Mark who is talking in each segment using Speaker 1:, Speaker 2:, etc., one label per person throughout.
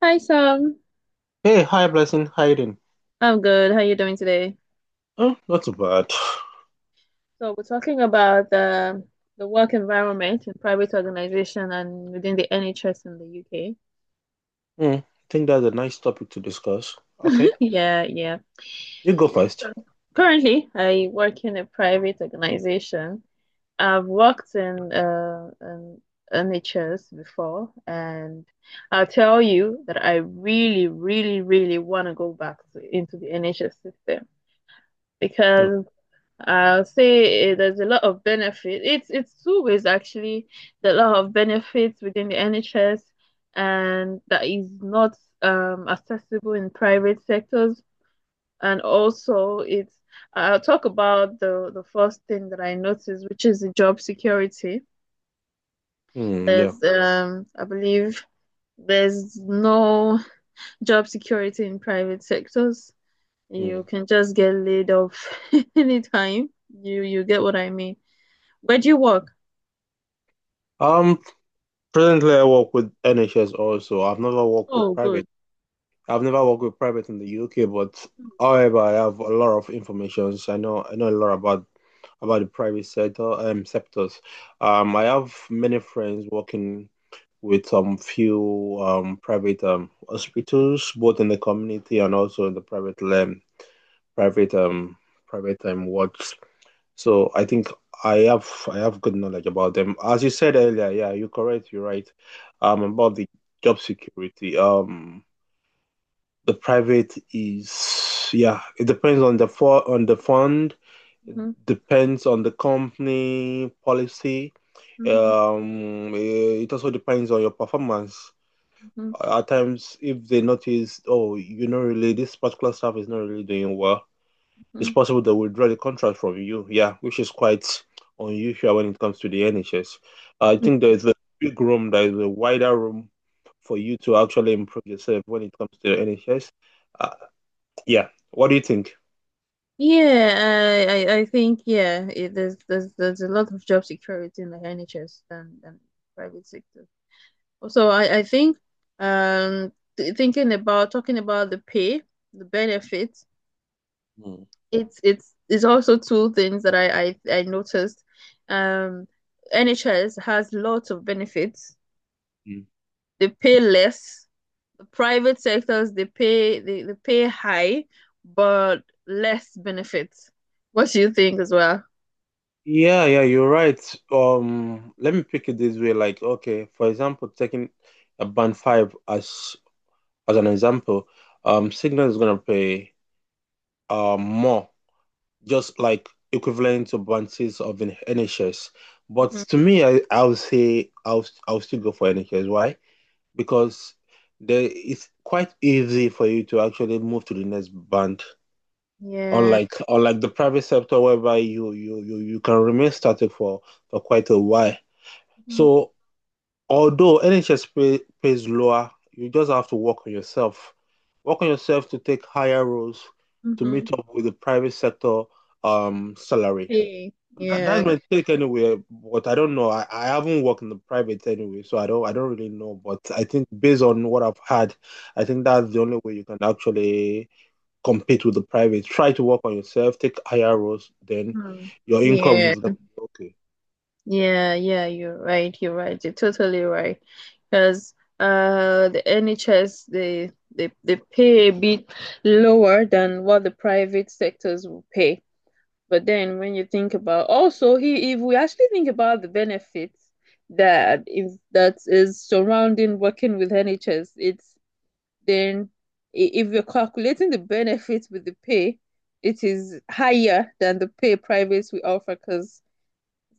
Speaker 1: Hi, Sam.
Speaker 2: Hey, hi, Blessing. How you doing?
Speaker 1: I'm good. How are you doing today?
Speaker 2: Oh, not too bad.
Speaker 1: So we're talking about the work environment in private organization and within the NHS in the UK.
Speaker 2: Hmm, I think that's a nice topic to discuss. Okay,
Speaker 1: Yeah, yeah.
Speaker 2: you go
Speaker 1: Yeah.
Speaker 2: first.
Speaker 1: So currently, I work in a private organization. I've worked in an NHS before, and I'll tell you that I really, really, really want to go back into the NHS system
Speaker 2: Yeah.
Speaker 1: because I'll say, there's a lot of benefit. It's two ways actually. There's a lot of benefits within the NHS, and that is not accessible in private sectors. And also, it's I'll talk about the first thing that I noticed, which is the job security.
Speaker 2: Hmm. Yeah.
Speaker 1: There's I believe there's no job security in private sectors. You
Speaker 2: Mm.
Speaker 1: can just get laid off anytime. You get what I mean. Where do you work?
Speaker 2: Um, Presently I work with NHS also. I've never worked with
Speaker 1: Oh,
Speaker 2: private.
Speaker 1: good.
Speaker 2: I've never worked with private in the UK, but however, I have a lot of information. I know a lot about the private sector sectors. I have many friends working with some few private hospitals, both in the community and also in the private land. private um private wards. So I think I have good knowledge about them. As you said earlier, yeah, you're correct, you're right. About the job security. The private is, yeah, it depends on the fund,
Speaker 1: Mm-hmm,
Speaker 2: depends on the company policy.
Speaker 1: mm-hmm.
Speaker 2: It also depends on your performance.
Speaker 1: Hmm,
Speaker 2: At times, if they notice, oh, really, this particular staff is not really doing well, it's
Speaker 1: hmm.
Speaker 2: possible they will draw the contract from you. Yeah, which is quite unusual when it comes to the NHS. I think there is a big room, there is a wider room for you to actually improve yourself when it comes to the NHS. Uh, yeah, what do you think?
Speaker 1: Yeah, I think, yeah, there's a lot of job security in the NHS than private sector. Also, I think, um th- thinking about talking about the pay, the benefits,
Speaker 2: Mm.
Speaker 1: it's also two things that I noticed. Um, NHS has lots of benefits.
Speaker 2: Mm.
Speaker 1: They pay less, private sectors they pay high but less benefits. What do you think as well?
Speaker 2: Yeah, yeah, you're right. Let me pick it this way. Like, okay, for example, taking a band five as an example, Signal is gonna pay more, just like equivalent to bounties of an NHS. But
Speaker 1: Mhm.
Speaker 2: to me, I'll say I'll still go for NHS. Why? Because there, it's quite easy for you to actually move to the next band.
Speaker 1: Yeah.
Speaker 2: Unlike the private sector, whereby you can remain static for quite a while. So although NHS pays lower, you just have to work on yourself. Work on yourself to take higher roles to
Speaker 1: Mm-hmm.
Speaker 2: meet up with the private sector salary.
Speaker 1: Hey.
Speaker 2: That's
Speaker 1: Yeah.
Speaker 2: my take anyway. But I don't know. I haven't worked in the private anyway, so I don't really know. But I think based on what I've had, I think that's the only way you can actually compete with the private. Try to work on yourself, take higher roles, then
Speaker 1: Mm.
Speaker 2: your income
Speaker 1: Yeah.
Speaker 2: is gonna be okay.
Speaker 1: Yeah, yeah, you're right. You're right. You're totally right. Because, the NHS, they pay a bit lower than what the private sectors will pay. But then when you think about, also, he if we actually think about the benefits, that, if that is surrounding working with NHS, then if you're calculating the benefits with the pay, it is higher than the pay privates we offer. Because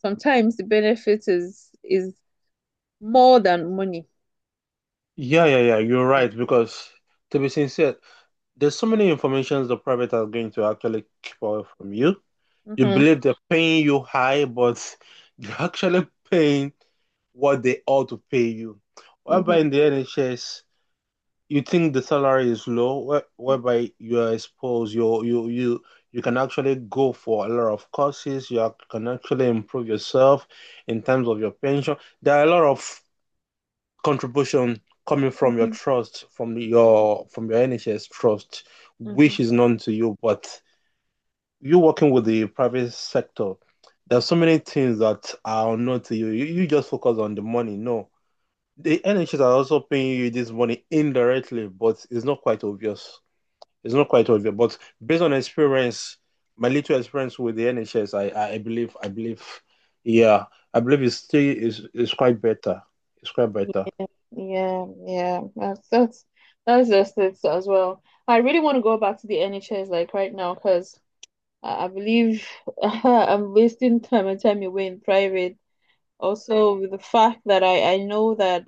Speaker 1: sometimes the benefit is more than money.
Speaker 2: Yeah, yeah, yeah. You're
Speaker 1: Yeah.
Speaker 2: right because, to be sincere, there's so many informations the private are going to actually keep away from you. You
Speaker 1: Mm-hmm,
Speaker 2: believe they're paying you high, but they're actually paying what they ought to pay you.
Speaker 1: mm-hmm,
Speaker 2: Whereby in the NHS, you think the salary is low, whereby you are exposed, you can actually go for a lot of courses. You can actually improve yourself in terms of your pension. There are a lot of contribution coming from your
Speaker 1: mm-hmm,
Speaker 2: trust, from
Speaker 1: mm-hmm,
Speaker 2: your from your NHS trust,
Speaker 1: mm-hmm.
Speaker 2: which is known to you. But you working with the private sector, there are so many things that are unknown to you. You just focus on the money. No, the NHS are also paying you this money indirectly, but it's not quite obvious. It's not quite obvious. But based on experience, my little experience with the NHS, I believe, I believe, yeah, I believe it's still is quite better. It's quite better.
Speaker 1: Yeah, yeah, that's that's just it as well. I really want to go back to the NHS, like, right now, because I believe I'm wasting time and time away in private. Also, with the fact that I know that,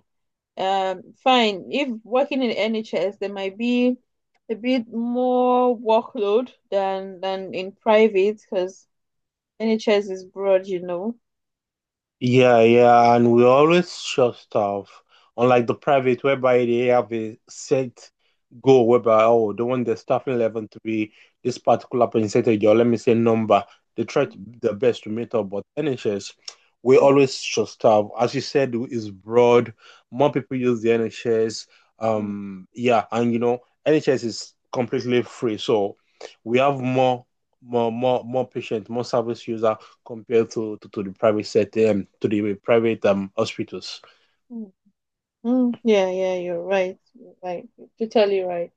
Speaker 1: fine, if working in NHS there might be a bit more workload than in private because NHS is broad, you know.
Speaker 2: Yeah, yeah, and we always share stuff. Unlike the private, whereby they have a set goal, whereby, oh, they want the staffing level to be this particular percentage, or let me say number. They try to, their best to meet up, but NHS, we
Speaker 1: Mm,
Speaker 2: always share stuff. As you said, is broad. More people use the NHS.
Speaker 1: mm,
Speaker 2: Yeah, and you know, NHS is completely free, so we have more patient, more service user compared to the private sector and to the private hospitals.
Speaker 1: mm, mm. Yeah, yeah, you're right. You're right. You're totally right.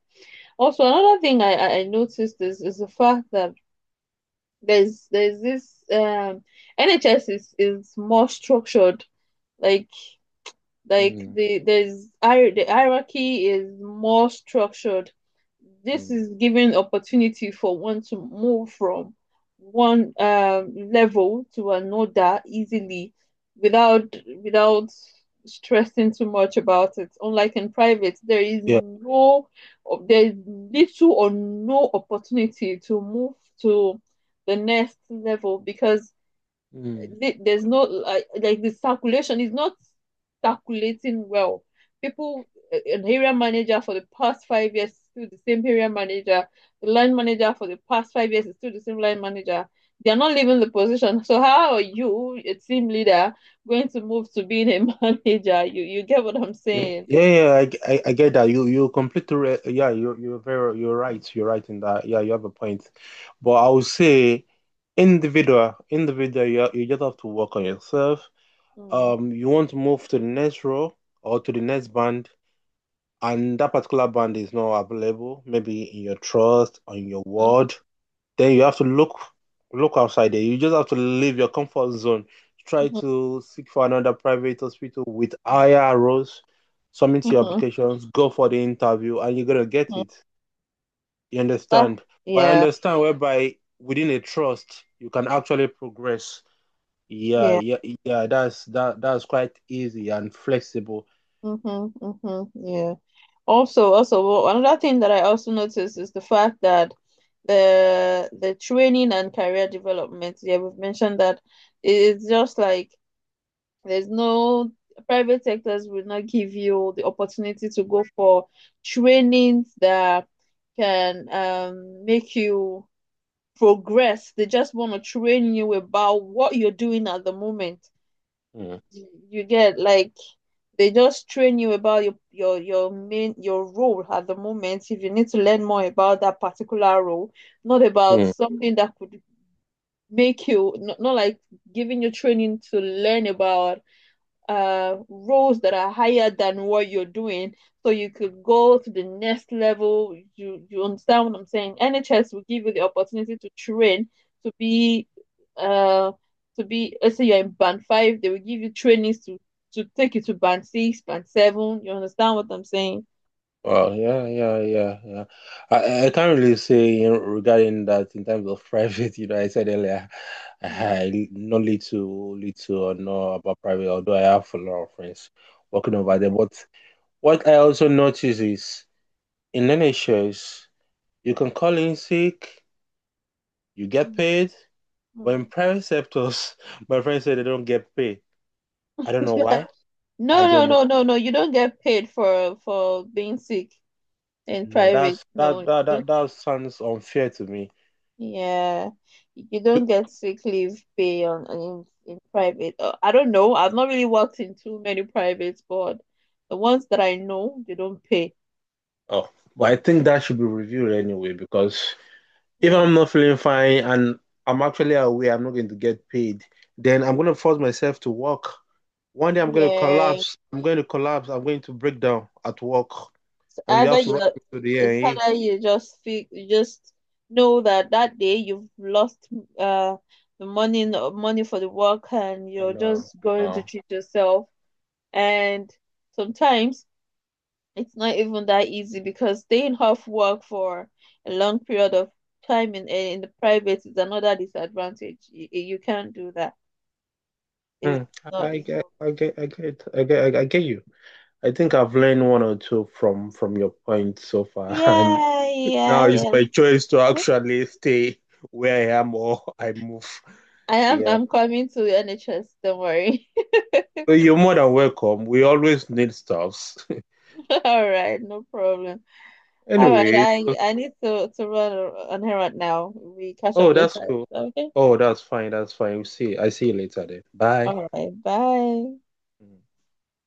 Speaker 1: Also, another thing I noticed is the fact that there's this, NHS is more structured. Like
Speaker 2: Mm,
Speaker 1: there's the hierarchy is more structured. This
Speaker 2: mm,
Speaker 1: is giving opportunity for one to move from one, level to another easily without without stressing too much about it. Unlike in private,
Speaker 2: yeah.
Speaker 1: there is little or no opportunity to move to the next level because
Speaker 2: Mm.
Speaker 1: there's no, like, the circulation is not circulating well. People, an area manager for the past 5 years is still the same area manager. The line manager for the past 5 years is still the same line manager. They are not leaving the position. So how are you, a team leader, going to move to being a manager? You get what I'm
Speaker 2: Mm.
Speaker 1: saying?
Speaker 2: Yeah, yeah, I get that. You yeah, you're very, you're right. You're right in that. Yeah, you have a point. But I would say individual you just have to work on yourself.
Speaker 1: Mm.
Speaker 2: You want to move to the next row or to the next band, and that particular band is not available, maybe in your trust, on your ward, then you have to look outside there. You just have to leave your comfort zone. Try
Speaker 1: Mhm.
Speaker 2: to seek for another private hospital with higher roles, submit your
Speaker 1: Mhm.
Speaker 2: applications, go for the interview, and you're gonna get
Speaker 1: Mhm.
Speaker 2: it. You
Speaker 1: Ah,
Speaker 2: understand? But I
Speaker 1: yeah,
Speaker 2: understand whereby within a trust you can actually progress. Yeah,
Speaker 1: yeah.
Speaker 2: yeah, yeah. That's quite easy and flexible.
Speaker 1: Hmm, hmm. Yeah. Also, well, another thing that I also noticed is the fact that, the training and career development, yeah, we've mentioned that. It's just like there's no private sectors will not give you the opportunity to go for trainings that can, make you progress. They just want to train you about what you're doing at the moment.
Speaker 2: Mm,
Speaker 1: You get, like, they just train you about your role at the moment, if you need to learn more about that particular role, not about
Speaker 2: mm.
Speaker 1: something that could make you, not, not like, giving you training to learn about roles that are higher than what you're doing so you could go to the next level. You understand what I'm saying? NHS will give you the opportunity to train to be, uh let's say you're in band 5, they will give you trainings to take you to band 6, band 7. You understand what I'm saying?
Speaker 2: Well, yeah, yeah, yeah, yeah. I can't really say regarding that in terms of private. You know, I said earlier,
Speaker 1: Mm.
Speaker 2: I know little or know about private, although I have a lot of friends working over there. But what I also notice is in NHS, you can call in sick, you get paid. But in
Speaker 1: Mm.
Speaker 2: private sectors, my friends say they don't get paid. I don't know why.
Speaker 1: No,
Speaker 2: I
Speaker 1: no,
Speaker 2: don't know.
Speaker 1: no, no, no. You don't get paid for being sick in
Speaker 2: No,
Speaker 1: private.
Speaker 2: that's
Speaker 1: No,
Speaker 2: that
Speaker 1: you
Speaker 2: that
Speaker 1: don't.
Speaker 2: that, that sounds unfair to me.
Speaker 1: Yeah, you don't get sick leave pay in private. I don't know. I've not really worked in too many privates, but the ones that I know, they don't pay.
Speaker 2: Oh, but I think that should be reviewed anyway because if
Speaker 1: Mm.
Speaker 2: I'm not feeling fine and I'm actually aware I'm not going to get paid, then I'm going to force myself to work. One day I'm going to
Speaker 1: Yeah, it's
Speaker 2: collapse. I'm going to collapse. I'm going to break down at work, and you
Speaker 1: either
Speaker 2: have to
Speaker 1: you,
Speaker 2: run me to the A and e
Speaker 1: just feel, you just know that that day you've lost, uh the money for the work, and
Speaker 2: Oh,
Speaker 1: you're
Speaker 2: no,
Speaker 1: just going to
Speaker 2: no.
Speaker 1: treat yourself. And sometimes, it's not even that easy because staying off work for a long period of time in the private is another disadvantage. You can't do that. It's
Speaker 2: Hmm.
Speaker 1: not,
Speaker 2: I
Speaker 1: it's
Speaker 2: get,
Speaker 1: not.
Speaker 2: I get, I get, I get, I get you. I think I've learned one or two from your point so far, and
Speaker 1: Yeah,
Speaker 2: now
Speaker 1: yeah,
Speaker 2: it's
Speaker 1: yeah.
Speaker 2: my choice to actually stay where I am or I move.
Speaker 1: I am
Speaker 2: Yeah.
Speaker 1: I'm coming to NHS, don't worry.
Speaker 2: Well, you're more than welcome. We always need stuffs.
Speaker 1: All right, no problem. All right,
Speaker 2: Anyway,
Speaker 1: I need to run on here right now. We catch up
Speaker 2: oh, that's
Speaker 1: later.
Speaker 2: cool.
Speaker 1: Okay.
Speaker 2: Oh, that's fine. That's fine. We see. I see you later then. Bye.
Speaker 1: All right, bye.
Speaker 2: Mm.